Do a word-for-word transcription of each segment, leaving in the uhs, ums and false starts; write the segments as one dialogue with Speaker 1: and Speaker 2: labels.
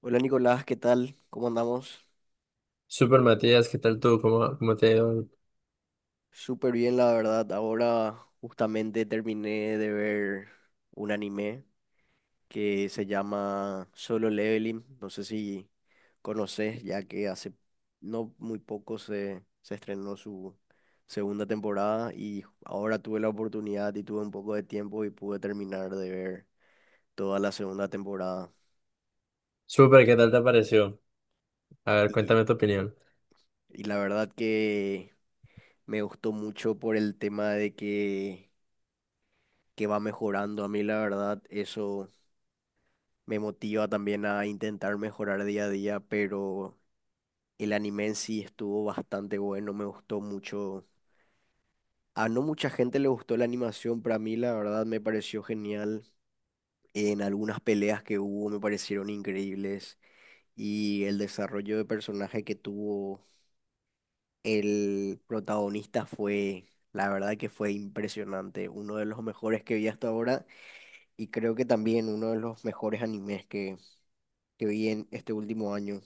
Speaker 1: Hola Nicolás, ¿qué tal? ¿Cómo andamos?
Speaker 2: Super Matías, ¿qué tal tú? ¿Cómo, cómo te ha ido hoy?
Speaker 1: Súper bien, la verdad. Ahora justamente terminé de ver un anime que se llama Solo Leveling. No sé si conoces, ya que hace no muy poco se, se estrenó su segunda temporada y ahora tuve la oportunidad y tuve un poco de tiempo y pude terminar de ver toda la segunda temporada.
Speaker 2: Super, ¿qué tal te pareció? A ver,
Speaker 1: Y,
Speaker 2: cuéntame tu opinión.
Speaker 1: y la verdad que me gustó mucho por el tema de que que va mejorando. A mí la verdad eso me motiva también a intentar mejorar día a día, pero el anime en sí estuvo bastante bueno, me gustó mucho. A no mucha gente le gustó la animación, pero a mí la verdad me pareció genial. En algunas peleas que hubo me parecieron increíbles y el desarrollo de personaje que tuvo el protagonista fue, la verdad, que fue impresionante, uno de los mejores que vi hasta ahora. Y creo que también uno de los mejores animes que, que vi en este último año.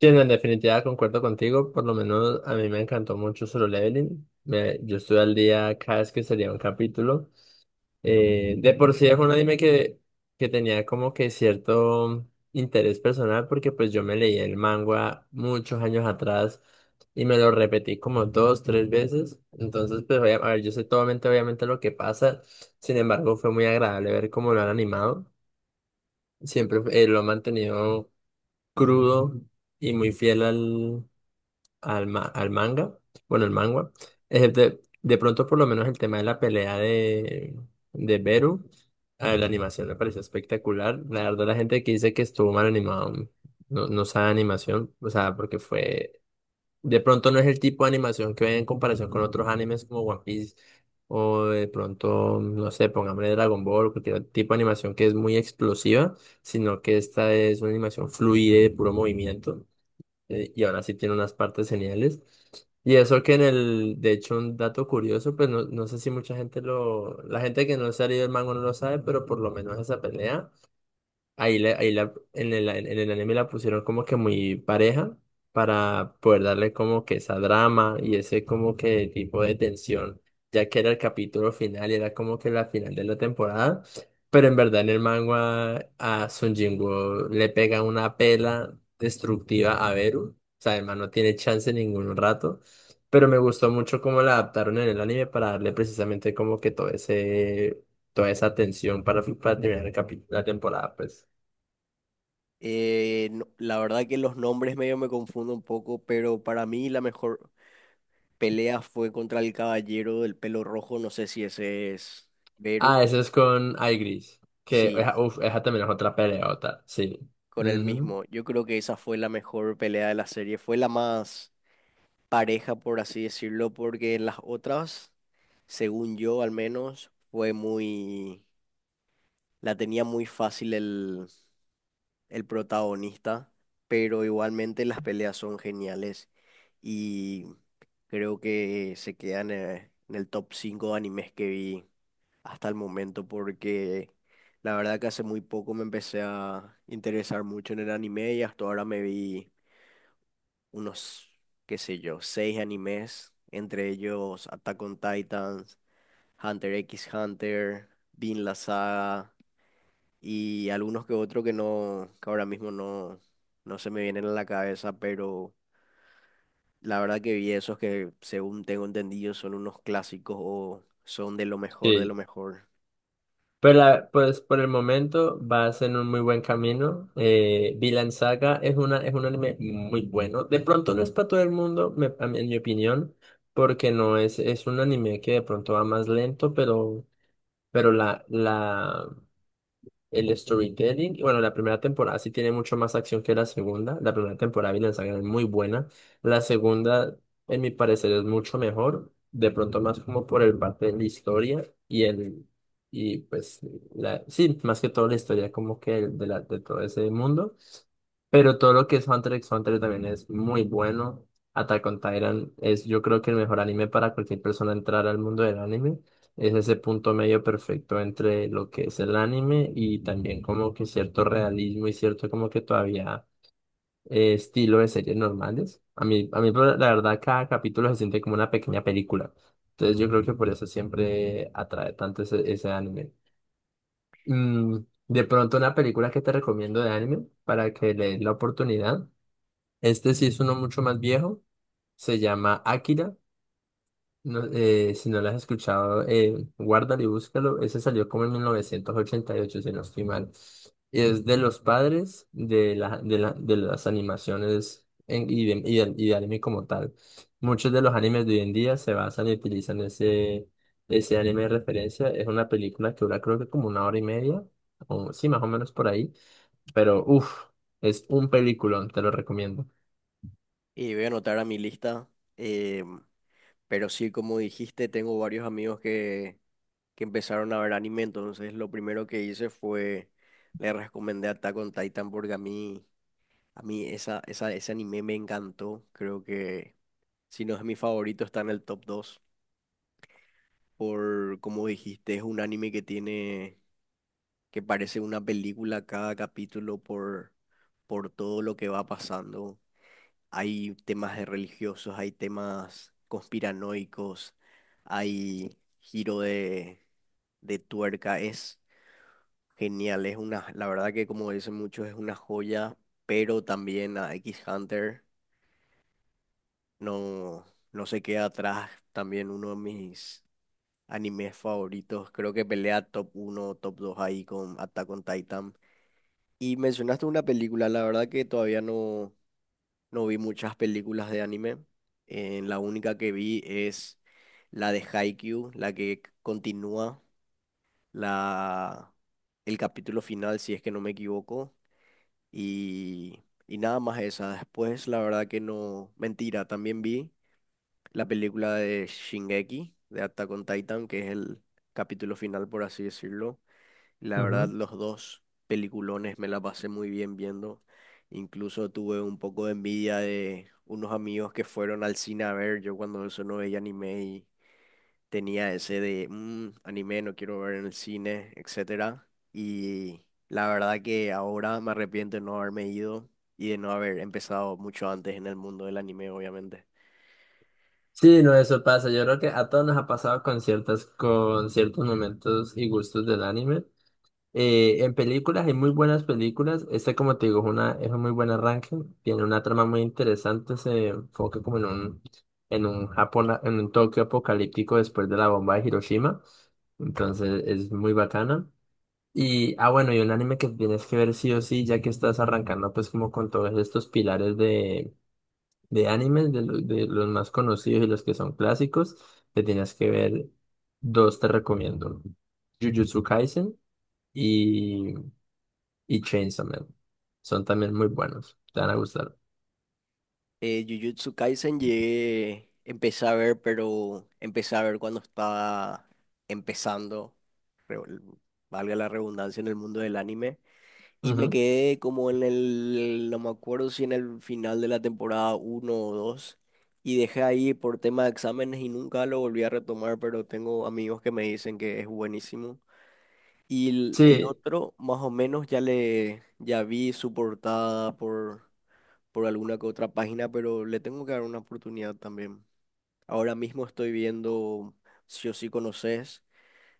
Speaker 2: Sí, no, en definitiva concuerdo contigo, por lo menos a mí me encantó mucho Solo Leveling. Me, yo estoy al día cada vez que salía un capítulo. Eh, de por sí es un anime que, que tenía como que cierto interés personal porque pues yo me leí el manga muchos años atrás y me lo repetí como dos, tres veces. Entonces, pues, obvia- a ver, yo sé totalmente obviamente lo que pasa. Sin embargo, fue muy agradable ver cómo lo han animado. Siempre eh, lo han mantenido crudo y muy fiel al, ma- al manga, bueno, el manga. Eh, de, de pronto, por lo menos, el tema de la pelea de, de Beru, eh, la animación me pareció espectacular. La verdad, la gente que dice que estuvo mal animado no, no sabe animación, o sea, porque fue. De pronto, no es el tipo de animación que ven en comparación con otros animes como One Piece, o de pronto, no sé, pongámosle Dragon Ball, cualquier tipo de animación que es muy explosiva, sino que esta es una animación fluida y de puro movimiento eh, y ahora sí tiene unas partes geniales. Y eso que en el, de hecho, un dato curioso, pues no, no sé si mucha gente lo, la gente que no se ha leído el manga no lo sabe, pero por lo menos esa pelea. Ahí, la- ahí la- en el, en el anime la pusieron como que muy pareja para poder darle como que esa drama y ese como que tipo de tensión, ya que era el capítulo final y era como que la final de la temporada. Pero en verdad en el manga a Sun Jinwoo le pega una pela destructiva a Beru. O sea, además no tiene chance ningún rato. Pero me gustó mucho cómo la adaptaron en el anime para darle precisamente como que todo ese, toda esa tensión para, para terminar el capítulo, la temporada, pues.
Speaker 1: Eh, no- la verdad que los nombres medio me confundo un poco, pero para mí la mejor pelea fue contra el caballero del pelo rojo, no sé si ese es Beirut.
Speaker 2: Ah, eso es con Aigris. Que,
Speaker 1: Sí,
Speaker 2: esa- uf, esa también es otra peleota, sí.
Speaker 1: con el
Speaker 2: Ujú,
Speaker 1: mismo. Yo creo que esa fue la mejor pelea de la serie, fue la más pareja, por así decirlo, porque en las otras, según yo al menos, fue muy. La tenía muy fácil el protagonista, pero igualmente las peleas son geniales y creo que se quedan eh, en el top cinco de animes que vi hasta el momento, porque la verdad que hace muy poco me empecé a interesar mucho en el anime y hasta ahora me vi unos, qué sé yo, seis animes, entre ellos Attack on Titans, Hunter x Hunter, Vinland Saga y algunos que otros que no, que ahora mismo no, no se me vienen a la cabeza, pero la verdad que vi esos que, según tengo entendido, son unos clásicos o son de lo mejor de lo
Speaker 2: sí.
Speaker 1: mejor.
Speaker 2: Pero la- pues por el momento vas en un muy buen camino. Eh, Vinland Saga es una, es un anime muy bueno. De pronto no es para todo el mundo, me- a mí- en mi opinión, porque no es, es un anime que de pronto va más lento, pero, pero la, la, el storytelling. Y bueno, la primera temporada sí tiene mucho más acción que la segunda. La primera temporada de Vinland Saga es muy buena. La segunda, en mi parecer, es mucho mejor. De pronto más como por el parte de la historia y el... Y pues, la, sí, más que todo la historia como que el de, la, de todo ese mundo. Pero todo lo que es Hunter x Hunter también es muy bueno. Attack on Titan es yo creo que el mejor anime para cualquier persona entrar al mundo del anime. Es ese punto medio perfecto entre lo que es el anime y también como que cierto realismo y cierto como que todavía eh, estilo de series normales. A mí, a mí pero la verdad cada capítulo se siente como una pequeña película. Entonces yo creo que por eso siempre atrae tanto ese, ese anime. Mm, de pronto una película que te recomiendo de anime para que le des la oportunidad. Este sí es uno mucho más viejo. Se llama Akira. No, eh, si no lo has escuchado, eh, guárdalo y búscalo. Ese salió como en mil novecientos ochenta y ocho si no estoy mal. Y es de los padres de, la, de, la, de las animaciones en- y, de, y, de y de anime como tal. Muchos de los animes de hoy en día se basan y utilizan ese, ese anime de referencia. Es una película que dura creo que como una hora y media, o sí, más o menos por ahí. Pero uff, es un peliculón, te lo recomiendo.
Speaker 1: Y voy a anotar a mi lista, eh, pero sí, como dijiste, tengo varios amigos que, que empezaron a ver anime, entonces lo primero que hice fue, le recomendé Attack on Titan, porque a mí, a mí esa, esa, ese anime me encantó, creo que. Si no es mi favorito, está en el top dos, por, como dijiste, es un anime que tiene, que parece una película cada capítulo por, por todo lo que va pasando. Hay temas de religiosos, hay temas conspiranoicos, hay giro de, de, tuerca. Es genial, es una, la verdad que como dicen muchos, es una joya, pero también a X Hunter no, no se queda atrás. También uno de mis animes favoritos, creo que pelea top uno, top dos ahí con Attack on Titan. Y mencionaste una película, la verdad que todavía no, no vi muchas películas de anime. Eh, la única que vi es la de Haikyuu, la que continúa la, el capítulo final, si es que no me equivoco. Y, y nada más esa. Después, la verdad que no. Mentira, también vi la película de Shingeki, de Attack on Titan, que es el capítulo final, por así decirlo. La verdad, los dos peliculones me la pasé muy bien viendo. Incluso tuve un poco de envidia de unos amigos que fueron al cine a ver. Yo cuando eso no veía anime y tenía ese de "Mm, anime no quiero ver en el cine, etcétera". Y la verdad que ahora me arrepiento de no haberme ido y de no haber empezado mucho antes en el mundo del anime, obviamente.
Speaker 2: Sí, no, eso pasa. Yo creo que a todos nos ha pasado con ciertas, con ciertos momentos y gustos del anime. Eh, en películas hay muy buenas películas. Este como te digo, es una, es un muy buen arranque. Tiene una trama muy interesante. Se enfoca como en un, en un Japón, en un Tokio apocalíptico después de la bomba de Hiroshima. Entonces es muy bacana. Y, ah, bueno, y un anime que tienes que ver sí o sí, ya que estás arrancando pues como con todos estos pilares de animes, de, lo- de los más conocidos y los que son clásicos, te tienes que ver dos, te recomiendo. Jujutsu Kaisen y, y Chainsaw Man. Son también muy buenos, te van a gustar.
Speaker 1: Eh, Jujutsu Kaisen llegué, empecé a ver, pero empecé a ver cuando estaba empezando. re- Valga la redundancia, en el mundo del anime. Y me
Speaker 2: Ujú.
Speaker 1: quedé como en el, no me acuerdo si en el final de la temporada uno o dos. Y dejé ahí por tema de exámenes y nunca lo volví a retomar, pero tengo amigos que me dicen que es buenísimo. Y el, el
Speaker 2: Sí,
Speaker 1: otro, más o menos, ya le, ya vi su portada por, por alguna que otra página, pero le tengo que dar una oportunidad también. Ahora mismo estoy viendo, si o si conoces,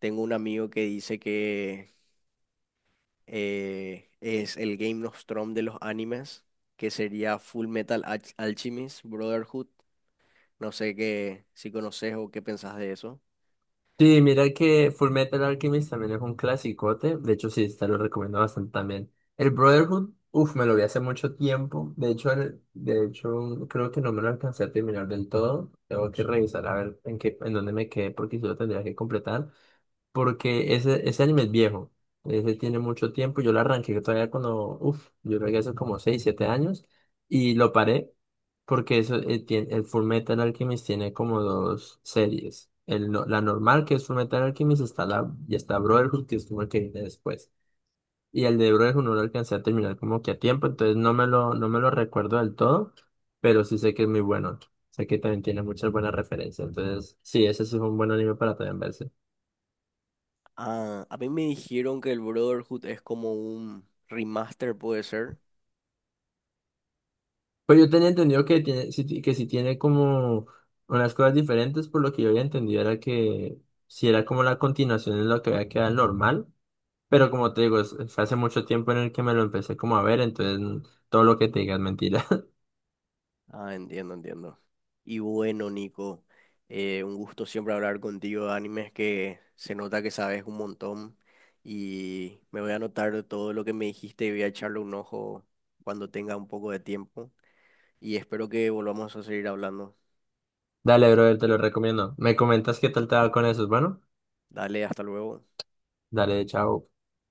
Speaker 1: tengo un amigo que dice que eh, es el Game of Thrones de los animes, que sería Full Metal Alch- Alchemist Brotherhood. No sé qué, si conoces o qué pensás de eso.
Speaker 2: sí, mira que Fullmetal Alchemist también es un clasicote, de hecho sí, te lo recomiendo bastante también. El Brotherhood, uff, me lo vi hace mucho tiempo, de hecho, el- de hecho creo que no me lo alcancé a terminar del todo, tengo que revisar a ver en qué, en dónde me quedé porque yo lo tendría que completar, porque ese, ese anime es viejo. Ese tiene mucho tiempo. Yo lo arranqué todavía cuando, uff, yo creo que hace como seis siete años. Y lo paré porque eso, eh, tiene, el Full Metal Alchemist tiene como dos series. El, no- La normal, que es Full Metal Alchemist, está la, y está Brotherhood, que es como el que viene después. Y el de Brotherhood no lo alcancé a terminar como que a tiempo, entonces no me lo, no me lo recuerdo del todo, pero sí sé que es muy bueno. Sé que también tiene muchas buenas referencias. Entonces, sí, ese sí es un buen anime para también verse.
Speaker 1: Ah, a mí me dijeron que el Brotherhood es como un remaster, puede ser.
Speaker 2: Pues yo tenía entendido que tiene, si ti- que si tiene como unas cosas diferentes, por lo que yo había entendido era que si era como la continuación de lo que había quedado normal, pero como te digo, es- fue hace mucho tiempo en el que me lo empecé como a ver, entonces mm, todo lo que te diga es mentira.
Speaker 1: Ah, entiendo, entiendo. Y bueno, Nico, eh, un gusto siempre hablar contigo de animes, que se nota que sabes un montón. Y me voy a anotar todo lo que me dijiste y voy a echarle un ojo cuando tenga un poco de tiempo. Y espero que volvamos a seguir hablando.
Speaker 2: Dale, brother, te lo recomiendo. Me comentas qué tal te va con eso, bueno,
Speaker 1: Dale, hasta luego.
Speaker 2: dale, chao.